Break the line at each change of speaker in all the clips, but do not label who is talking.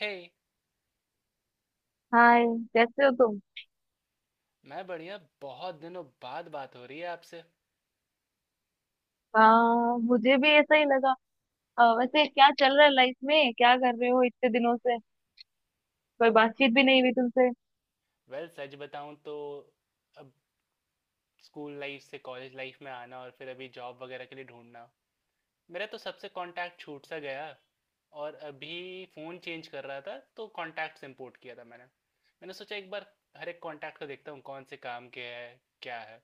हे hey।
Hi. कैसे हो तुम?
मैं बढ़िया, बहुत दिनों बाद बात हो रही है आपसे।
हाँ, मुझे भी ऐसा ही लगा। वैसे क्या चल रहा है लाइफ में, क्या कर रहे हो इतने दिनों से? कोई बातचीत भी नहीं हुई तुमसे।
वेल well, सच बताऊं तो अब स्कूल लाइफ से कॉलेज लाइफ में आना और फिर अभी जॉब वगैरह के लिए ढूंढना, मेरा तो सबसे कांटेक्ट छूट सा गया। और अभी फ़ोन चेंज कर रहा था तो कांटेक्ट्स इंपोर्ट किया था मैंने मैंने सोचा एक बार हर एक कांटेक्ट को देखता हूँ कौन से काम के है, क्या है।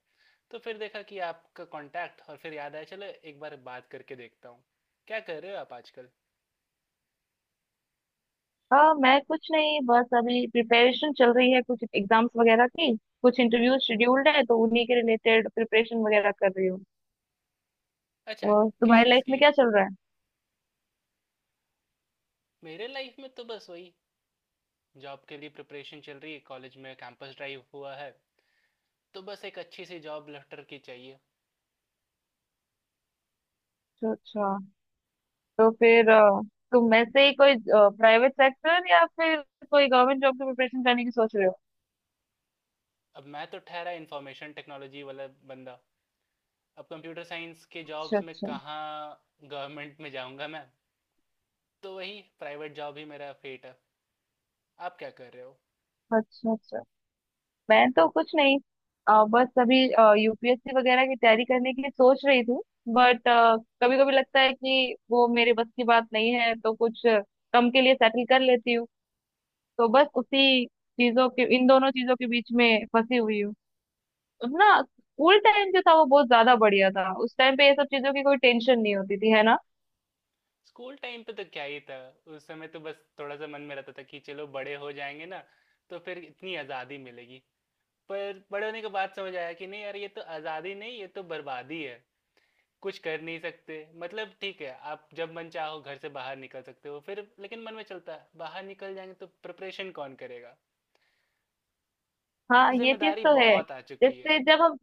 तो फिर देखा कि आपका कांटेक्ट और फिर याद आया, चलो एक बार बात करके देखता हूँ। क्या कर रहे हो आप आजकल।
हाँ, मैं कुछ नहीं, बस अभी प्रिपरेशन चल रही है कुछ एग्जाम्स वगैरह की। कुछ इंटरव्यू शेड्यूल्ड है तो उन्हीं के रिलेटेड प्रिपरेशन वगैरह कर रही हूँ।
अच्छा,
और
किस
तुम्हारी
चीज़
लाइफ
की।
में क्या चल रहा है?
मेरे लाइफ में तो बस वही, जॉब के लिए प्रिपरेशन चल रही है, कॉलेज में कैंपस ड्राइव हुआ है तो बस एक अच्छी सी जॉब लेटर की चाहिए।
अच्छा अच्छा। तो फिर तुम वैसे ही कोई प्राइवेट सेक्टर या फिर कोई गवर्नमेंट जॉब की प्रिपरेशन करने की सोच रहे हो?
अब मैं तो ठहरा इंफॉर्मेशन टेक्नोलॉजी वाला बंदा, अब कंप्यूटर साइंस के
अच्छा
जॉब्स में
अच्छा।
कहाँ गवर्नमेंट में जाऊँगा मैं। तो वही प्राइवेट जॉब ही मेरा फेट है। आप क्या कर रहे हो।
अच्छा अच्छा। मैं तो कुछ नहीं, बस अभी यूपीएससी वगैरह की तैयारी करने की सोच रही थी, बट कभी कभी लगता है कि वो मेरे बस की बात नहीं है, तो कुछ कम के लिए सेटल कर लेती हूँ। तो बस उसी चीजों के, इन दोनों चीजों के बीच में फंसी हुई हूँ। अपना स्कूल टाइम जो था वो बहुत ज्यादा बढ़िया था। उस टाइम पे ये सब चीजों की कोई टेंशन नहीं होती थी, है ना?
स्कूल टाइम पे तो क्या ही था। उस समय तो बस थोड़ा सा मन में रहता था कि चलो बड़े हो जाएंगे ना तो फिर इतनी आज़ादी मिलेगी। पर बड़े होने के बाद समझ आया कि नहीं यार, ये तो आज़ादी नहीं, ये तो बर्बादी है। कुछ कर नहीं सकते। मतलब ठीक है, आप जब मन चाहो घर से बाहर निकल सकते हो, फिर लेकिन मन में चलता है बाहर निकल जाएंगे तो प्रिपरेशन कौन करेगा।
हाँ,
तो
ये चीज
जिम्मेदारी
तो है।
बहुत आ चुकी है।
जैसे जब हम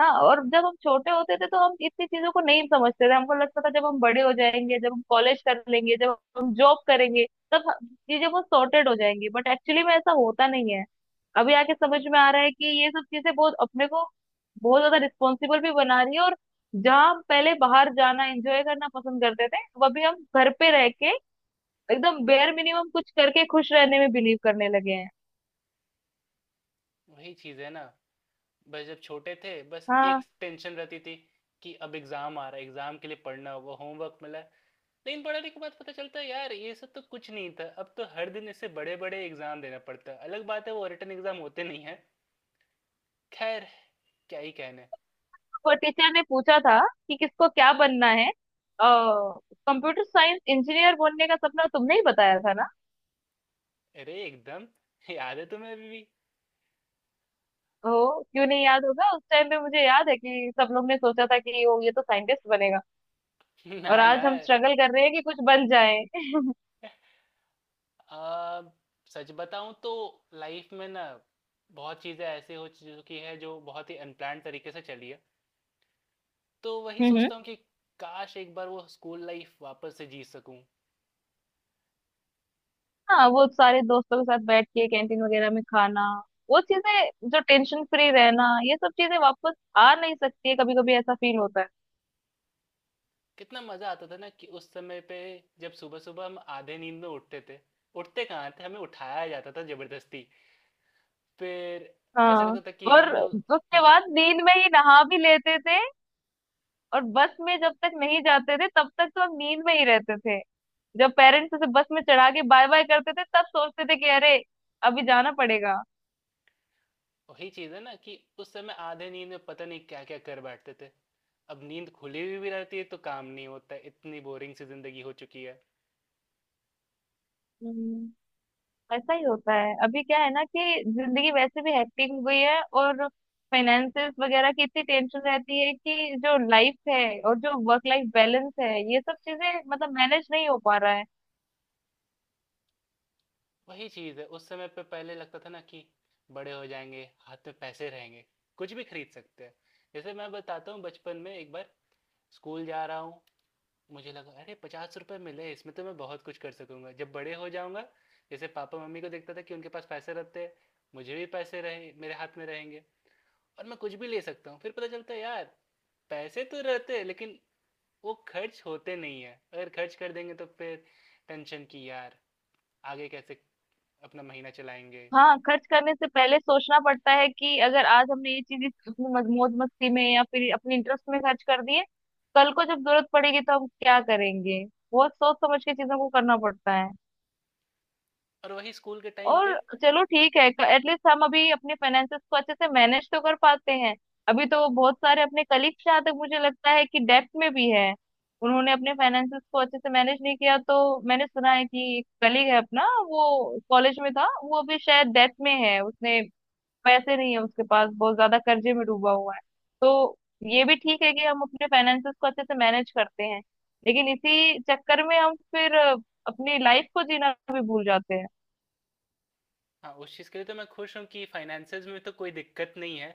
हाँ, और जब हम छोटे होते थे तो हम इतनी चीजों को नहीं समझते थे। हमको लगता था जब हम बड़े हो जाएंगे, जब हम कॉलेज कर लेंगे, जब हम जॉब करेंगे तब चीजें बहुत सॉर्टेड हो जाएंगी, बट एक्चुअली में ऐसा होता नहीं है। अभी आके समझ में आ रहा है कि ये सब चीजें बहुत अपने को बहुत ज्यादा रिस्पॉन्सिबल भी बना रही है, और जहाँ हम पहले बाहर जाना, एंजॉय करना पसंद करते थे, अब अभी हम घर पे रह के एकदम बेयर मिनिमम कुछ करके खुश रहने में बिलीव करने लगे हैं।
वही चीज है ना, बस जब छोटे थे बस एक
हाँ।
टेंशन रहती थी कि अब एग्जाम आ रहा है, एग्जाम के लिए पढ़ना होगा, होमवर्क मिला है। लेकिन पढ़ाने के बाद पता चलता है यार ये सब तो कुछ नहीं था, अब तो हर दिन इससे बड़े बड़े एग्जाम देना पड़ता है। अलग बात है वो रिटन एग्जाम होते नहीं है। खैर, क्या ही कहने।
वो टीचर ने पूछा था कि किसको क्या बनना है। कंप्यूटर साइंस इंजीनियर बनने का सपना तुमने ही बताया था ना?
अरे एकदम, याद है तुम्हें अभी भी।
ओ, क्यों नहीं याद होगा। उस टाइम पे मुझे याद है कि सब लोग ने सोचा था कि ओ, ये तो साइंटिस्ट बनेगा।
ना
और
ना।
आज हम स्ट्रगल कर रहे हैं कि कुछ बन जाए।
आ, सच बताऊं तो लाइफ में ना, बहुत चीज़ें ऐसी हो चुकी है जो बहुत ही अनप्लान्ड तरीके से चली है। तो वही
हम्म।
सोचता हूँ कि काश एक बार वो स्कूल लाइफ वापस से जी सकूं।
हाँ, वो सारे दोस्तों के साथ बैठ के कैंटीन वगैरह में खाना, वो चीजें, जो टेंशन फ्री रहना, ये सब चीजें वापस आ नहीं सकती है। कभी कभी ऐसा फील होता है।
कितना मज़ा आता था ना कि उस समय पे, जब सुबह सुबह हम आधे नींद में उठते थे। उठते कहाँ थे, हमें उठाया जाता था जबरदस्ती। फिर ऐसा
हाँ।
लगता था कि
और
हम लोग
उसके बाद नींद में ही नहा भी लेते थे। और बस में जब तक नहीं जाते थे तब तक तो हम नींद में ही रहते थे। जब पेरेंट्स उसे बस में चढ़ा के बाय बाय करते थे तब सोचते थे कि अरे, अभी जाना पड़ेगा।
वही चीज है ना, कि उस समय आधे नींद में पता नहीं क्या क्या कर बैठते थे। अब नींद खुली हुई भी रहती है तो काम नहीं होता है, इतनी बोरिंग सी जिंदगी हो चुकी है।
हम्म, ऐसा ही होता है। अभी क्या है ना कि जिंदगी वैसे भी हेक्टिक हो गई है, और फाइनेंसेस वगैरह की इतनी टेंशन रहती है कि जो लाइफ है और जो वर्क लाइफ बैलेंस है, ये सब चीजें मतलब मैनेज नहीं हो पा रहा है।
वही चीज है, उस समय पे पहले लगता था ना कि बड़े हो जाएंगे, हाथ में पैसे रहेंगे, कुछ भी खरीद सकते हैं। जैसे मैं बताता हूँ, बचपन में एक बार स्कूल जा रहा हूँ, मुझे लगा अरे पचास रुपए मिले, इसमें तो मैं बहुत कुछ कर सकूंगा जब बड़े हो जाऊंगा। जैसे पापा मम्मी को देखता था कि उनके पास पैसे रहते हैं, मुझे भी पैसे रहे, मेरे हाथ में रहेंगे और मैं कुछ भी ले सकता हूँ। फिर पता चलता है यार, पैसे तो रहते हैं लेकिन वो खर्च होते नहीं है। अगर खर्च कर देंगे तो फिर टेंशन की यार, आगे कैसे अपना महीना चलाएंगे।
हाँ, खर्च करने से पहले सोचना पड़ता है कि अगर आज हमने ये चीज अपनी मौज मस्ती में या फिर अपने इंटरेस्ट में खर्च कर दिए, कल को जब जरूरत पड़ेगी तो हम क्या करेंगे? बहुत सोच समझ के चीजों को करना पड़ता है।
और वही स्कूल के टाइम पे,
और चलो, ठीक है, एटलीस्ट हम अभी अपने फाइनेंसेस को अच्छे से मैनेज तो कर पाते हैं। अभी तो बहुत सारे अपने कलीग्स, जहाँ तक मुझे लगता है, कि डेब्ट में भी है। उन्होंने अपने फाइनेंसेस को अच्छे से मैनेज नहीं किया। तो मैंने सुना है कि कलीग है अपना, वो कॉलेज में था, वो अभी शायद डेब्ट में है। उसने पैसे नहीं है उसके पास, बहुत ज्यादा कर्जे में डूबा हुआ है। तो ये भी ठीक है कि हम अपने फाइनेंसेस को अच्छे से मैनेज करते हैं, लेकिन इसी चक्कर में हम फिर अपनी लाइफ को जीना भी भूल जाते हैं।
हाँ, उस चीज़ के लिए तो मैं खुश हूँ कि फाइनेंसेस में तो कोई दिक्कत नहीं है,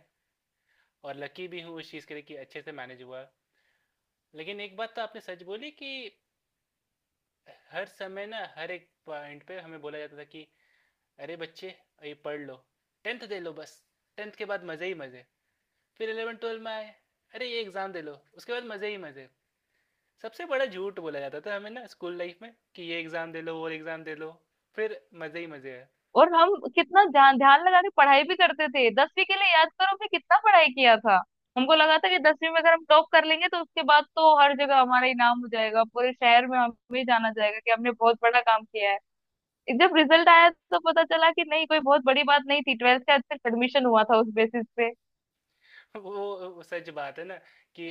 और लकी भी हूँ उस चीज़ के लिए कि अच्छे से मैनेज हुआ। लेकिन एक बात तो आपने सच बोली कि हर समय ना, हर एक पॉइंट पे हमें बोला जाता था कि अरे बच्चे, ये पढ़ लो, टेंथ दे लो बस, टेंथ के बाद मज़े ही मज़े। फिर इलेवन ट्वेल्व में आए, अरे ये एग्ज़ाम दे लो, उसके बाद मज़े ही मज़े। सबसे बड़ा झूठ बोला जाता था हमें ना स्कूल लाइफ में, कि ये एग्ज़ाम दे लो, वो एग्ज़ाम दे लो, फिर मज़े ही मज़े है।
और हम कितना ध्यान ध्यान लगा के पढ़ाई भी करते थे। दसवीं के लिए याद करो, हमने कितना पढ़ाई किया था। हमको लगा था कि दसवीं में अगर हम टॉप कर लेंगे तो उसके बाद तो हर जगह हमारा ही नाम हो जाएगा, पूरे शहर में हमें जाना जाएगा कि हमने बहुत बड़ा काम किया है। जब रिजल्ट आया तो पता चला कि नहीं, कोई बहुत बड़ी बात नहीं थी, ट्वेल्थ का सिर्फ एडमिशन हुआ था उस बेसिस पे।
वो वो सच बात है ना, कि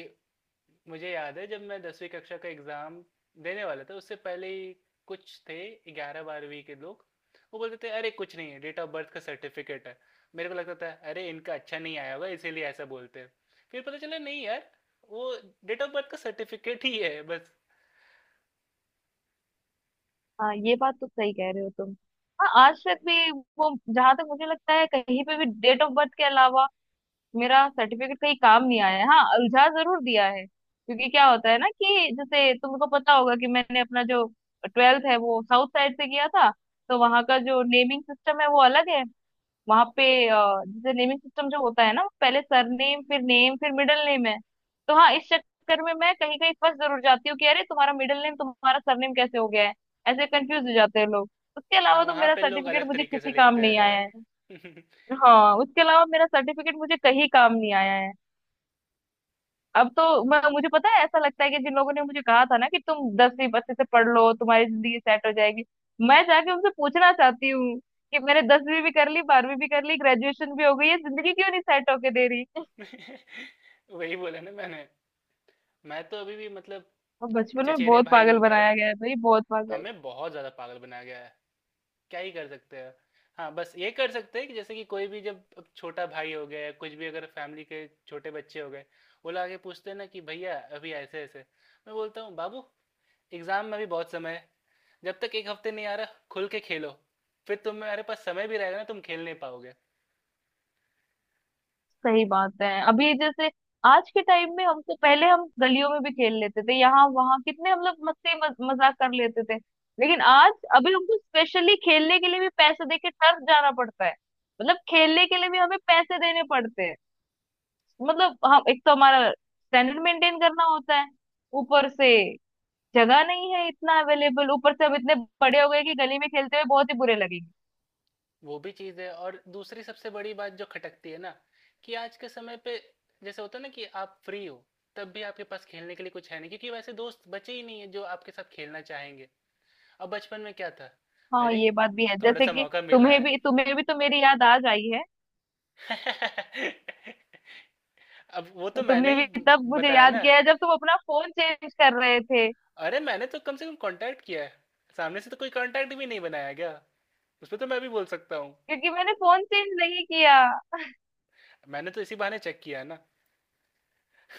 मुझे याद है जब मैं दसवीं कक्षा का एग्ज़ाम देने वाला था, उससे पहले ही कुछ थे ग्यारह बारहवीं के लोग। वो बोलते थे अरे कुछ नहीं है, डेट ऑफ बर्थ का सर्टिफिकेट है। मेरे को लगता था अरे इनका अच्छा नहीं आया होगा इसीलिए ऐसा बोलते हैं। फिर पता चला नहीं यार, वो डेट ऑफ बर्थ का सर्टिफिकेट ही है बस।
हाँ, ये बात तो सही कह रहे हो तुम। हाँ, आज तक भी वो, जहां तक मुझे लगता है, कहीं पे भी डेट ऑफ बर्थ के अलावा मेरा सर्टिफिकेट कहीं काम नहीं आया है। हाँ, उलझा जरूर दिया है, क्योंकि क्या होता है ना, कि जैसे तुमको पता होगा कि मैंने अपना जो ट्वेल्थ है वो साउथ साइड से किया था। तो वहां का जो नेमिंग सिस्टम है वो अलग है। वहां पे अ, जैसे नेमिंग सिस्टम जो होता है ना, पहले सरनेम फिर नेम फिर मिडिल नेम है। तो हाँ, इस चक्कर में मैं कहीं कहीं फंस जरूर जाती हूँ कि अरे तुम्हारा मिडिल नेम तुम्हारा सरनेम कैसे हो गया है। ऐसे कंफ्यूज हो जाते हैं लोग। उसके
हाँ,
अलावा तो
वहाँ
मेरा
पे लोग
सर्टिफिकेट
अलग
मुझे
तरीके से
किसी काम
लिखते
नहीं
हैं।
आया है। हाँ, उसके अलावा मेरा सर्टिफिकेट मुझे कहीं काम नहीं आया है। अब तो मैं, मुझे पता है, ऐसा लगता है कि जिन लोगों ने मुझे कहा था ना कि तुम दसवीं अच्छे से पढ़ लो तुम्हारी जिंदगी सेट हो जाएगी, मैं जाके उनसे पूछना चाहती हूँ कि मैंने दसवीं भी कर ली, बारहवीं भी कर ली, ग्रेजुएशन भी हो गई है, जिंदगी क्यों नहीं सेट होके दे रही?
वही बोला ना मैंने। मैं तो अभी भी, मतलब
और बचपन में
चचेरे
बहुत
भाई
पागल
लोग हैं,
बनाया गया है भाई, बहुत पागल।
हमें बहुत ज़्यादा पागल बनाया गया है। क्या ही कर सकते हैं। हाँ, बस ये कर सकते हैं कि जैसे कि कोई भी, जब अब छोटा भाई हो गया या कुछ भी, अगर फैमिली के छोटे बच्चे हो गए, वो लोग आके पूछते हैं ना कि भैया अभी ऐसे-ऐसे। मैं बोलता हूँ बाबू, एग्ज़ाम में भी बहुत समय है। जब तक एक हफ्ते नहीं आ रहा, खुल के खेलो। फिर तुम्हारे पास समय भी रहेगा ना, तुम खेल नहीं पाओगे।
सही बात है। अभी जैसे आज के टाइम में हमको, पहले हम गलियों में भी खेल लेते थे, यहाँ वहाँ कितने हम लोग मस्ती मजाक कर लेते थे। लेकिन आज अभी हमको स्पेशली खेलने के लिए भी पैसे दे के टर्फ जाना पड़ता है। मतलब खेलने के लिए भी हमें पैसे देने पड़ते हैं। मतलब हम, एक तो हमारा स्टैंडर्ड मेंटेन करना होता है, ऊपर से जगह नहीं है इतना अवेलेबल, ऊपर से अब इतने बड़े हो गए कि गली में खेलते हुए बहुत ही बुरे लगेंगे।
वो भी चीज़ है, और दूसरी सबसे बड़ी बात जो खटकती है ना, कि आज के समय पे जैसे होता है ना कि आप फ्री हो, तब भी आपके पास खेलने के लिए कुछ है नहीं, क्योंकि वैसे दोस्त बचे ही नहीं है जो आपके साथ खेलना चाहेंगे। अब बचपन में क्या था।
हाँ,
अरे,
ये बात भी है।
थोड़ा
जैसे
सा
कि
मौका मिला
तुम्हें
है।
भी, तुम्हें भी तो मेरी याद आज आई है।
अब वो
तो
तो मैंने
तुमने
ही
भी तब मुझे
बताया
याद
ना।
किया है जब तुम अपना फोन चेंज कर रहे थे।
अरे मैंने तो कम से कम कांटेक्ट किया है, सामने से तो कोई कांटेक्ट भी नहीं बनाया गया, उस पर तो मैं भी बोल सकता हूँ।
क्योंकि मैंने फोन चेंज नहीं किया।
मैंने तो इसी बहाने चेक किया है ना।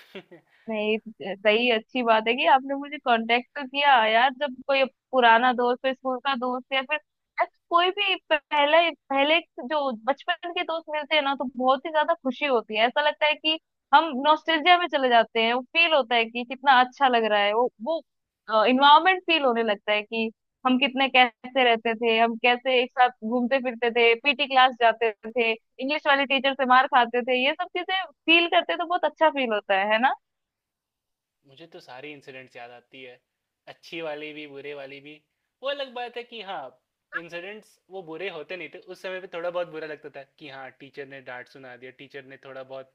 नहीं, सही, अच्छी बात है कि आपने मुझे कांटेक्ट तो किया यार। जब कोई पुराना दोस्त हो, स्कूल का दोस्त या फिर यार कोई भी, पहले पहले जो बचपन के दोस्त मिलते हैं ना, तो बहुत ही ज्यादा खुशी होती है। ऐसा लगता है कि हम नॉस्टैल्जिया में चले जाते हैं। वो फील होता है कि कितना अच्छा लग रहा है, वो इन्वायरमेंट फील होने लगता है कि हम कितने, कैसे रहते थे, हम कैसे एक साथ घूमते फिरते थे, पीटी क्लास जाते थे, इंग्लिश वाली टीचर से मार खाते थे, ये सब चीजें फील करते तो बहुत अच्छा फील होता है ना?
मुझे तो सारी इंसिडेंट्स याद आती है, अच्छी वाली भी बुरे वाली भी। वो अलग बात है कि हाँ, इंसिडेंट्स वो बुरे होते नहीं थे उस समय पे, थोड़ा बहुत बुरा लगता था कि हाँ टीचर ने डांट सुना दिया, टीचर ने थोड़ा बहुत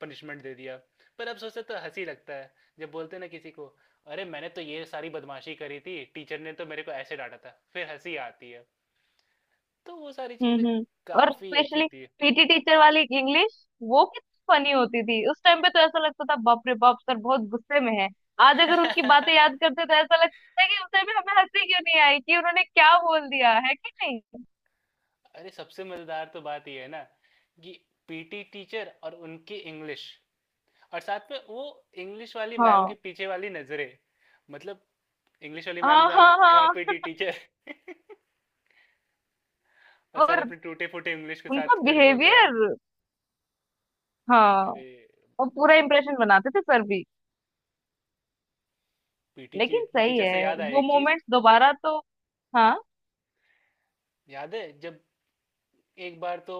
पनिशमेंट दे दिया, पर अब सोचते तो हंसी लगता है। जब बोलते हैं ना किसी को, अरे मैंने तो ये सारी बदमाशी करी थी, टीचर ने तो मेरे को ऐसे डांटा था, फिर हंसी आती है। तो वो सारी चीज़ें
हम्म। और
काफ़ी अच्छी
स्पेशली
थी।
पीटी टीचर वाली इंग्लिश, वो कितनी फनी होती थी। उस टाइम पे तो ऐसा लगता था बाप रे बाप, सर बहुत गुस्से में है। आज अगर उनकी बातें याद करते तो ऐसा लगता है कि उस टाइम पे हमें हंसी क्यों नहीं आई कि उन्होंने क्या बोल दिया है कि नहीं।
अरे सबसे मजेदार तो बात ये है ना, कि पीटी टीचर और उनकी इंग्लिश, और साथ में वो इंग्लिश वाली मैम के
हाँ
पीछे वाली नजरें। मतलब इंग्लिश वाली
हाँ
मैम
हाँ।
जहाँ, वहाँ
हाँ,
पीटी टीचर। और सर
और
अपने टूटे फूटे इंग्लिश के
उनका
साथ फिर बोल रहे हैं।
बिहेवियर। हाँ,
अरे
और पूरा इंप्रेशन बनाते थे सर भी।
पीटी
लेकिन सही
टीचर
है,
से याद आया
वो
एक चीज,
मोमेंट्स दोबारा तो, हाँ।
याद है जब एक बार तो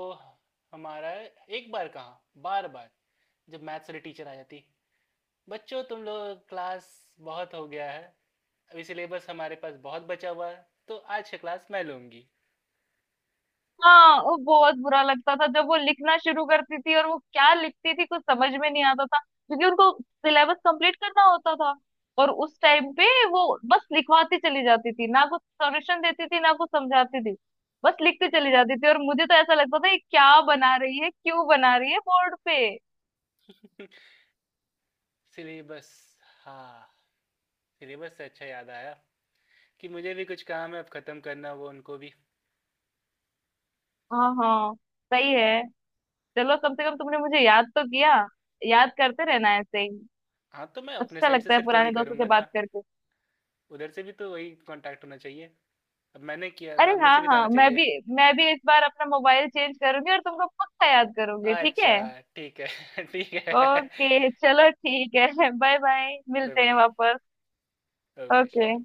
हमारा, एक बार कहाँ, बार बार, जब मैथ्स वाली टीचर आ जाती, बच्चों तुम लोग क्लास, बहुत हो गया है, अभी सिलेबस हमारे पास बहुत बचा हुआ है तो आज की क्लास मैं लूंगी।
हाँ, वो बहुत बुरा लगता था जब वो लिखना शुरू करती थी और वो क्या लिखती थी कुछ समझ में नहीं आता था, क्योंकि उनको सिलेबस कंप्लीट करना होता था। और उस टाइम पे वो बस लिखवाती चली जाती थी, ना कुछ सॉल्यूशन देती थी ना कुछ समझाती थी, बस लिखती चली जाती थी। और मुझे तो ऐसा लगता था ये क्या बना रही है, क्यों बना रही है बोर्ड पे।
सिलेबस, हाँ, सिलेबस से अच्छा याद आया कि मुझे भी कुछ काम है अब खत्म करना, वो उनको भी।
हाँ हाँ, सही है। चलो, कम से कम तुमने मुझे याद तो किया। याद करते रहना ऐसे ही।
हाँ तो मैं अपने
अच्छा
साइड से
लगता है
सिर्फ थोड़ी
पुराने दोस्तों से
करूंगा
बात
ना,
करके।
उधर से भी तो वही कांटेक्ट होना चाहिए। अब मैंने किया,
अरे
सामने
हाँ
से भी तो आना
हाँ, मैं
चाहिए।
भी, मैं भी इस बार अपना मोबाइल चेंज करूंगी और तुमको पक्का याद करूंगी, ठीक
अच्छा,
है?
ठीक है। ठीक है,
ओके चलो, ठीक है। बाय बाय,
बाय
मिलते हैं
बाय।
वापस।
Okay
okay.
श्योर।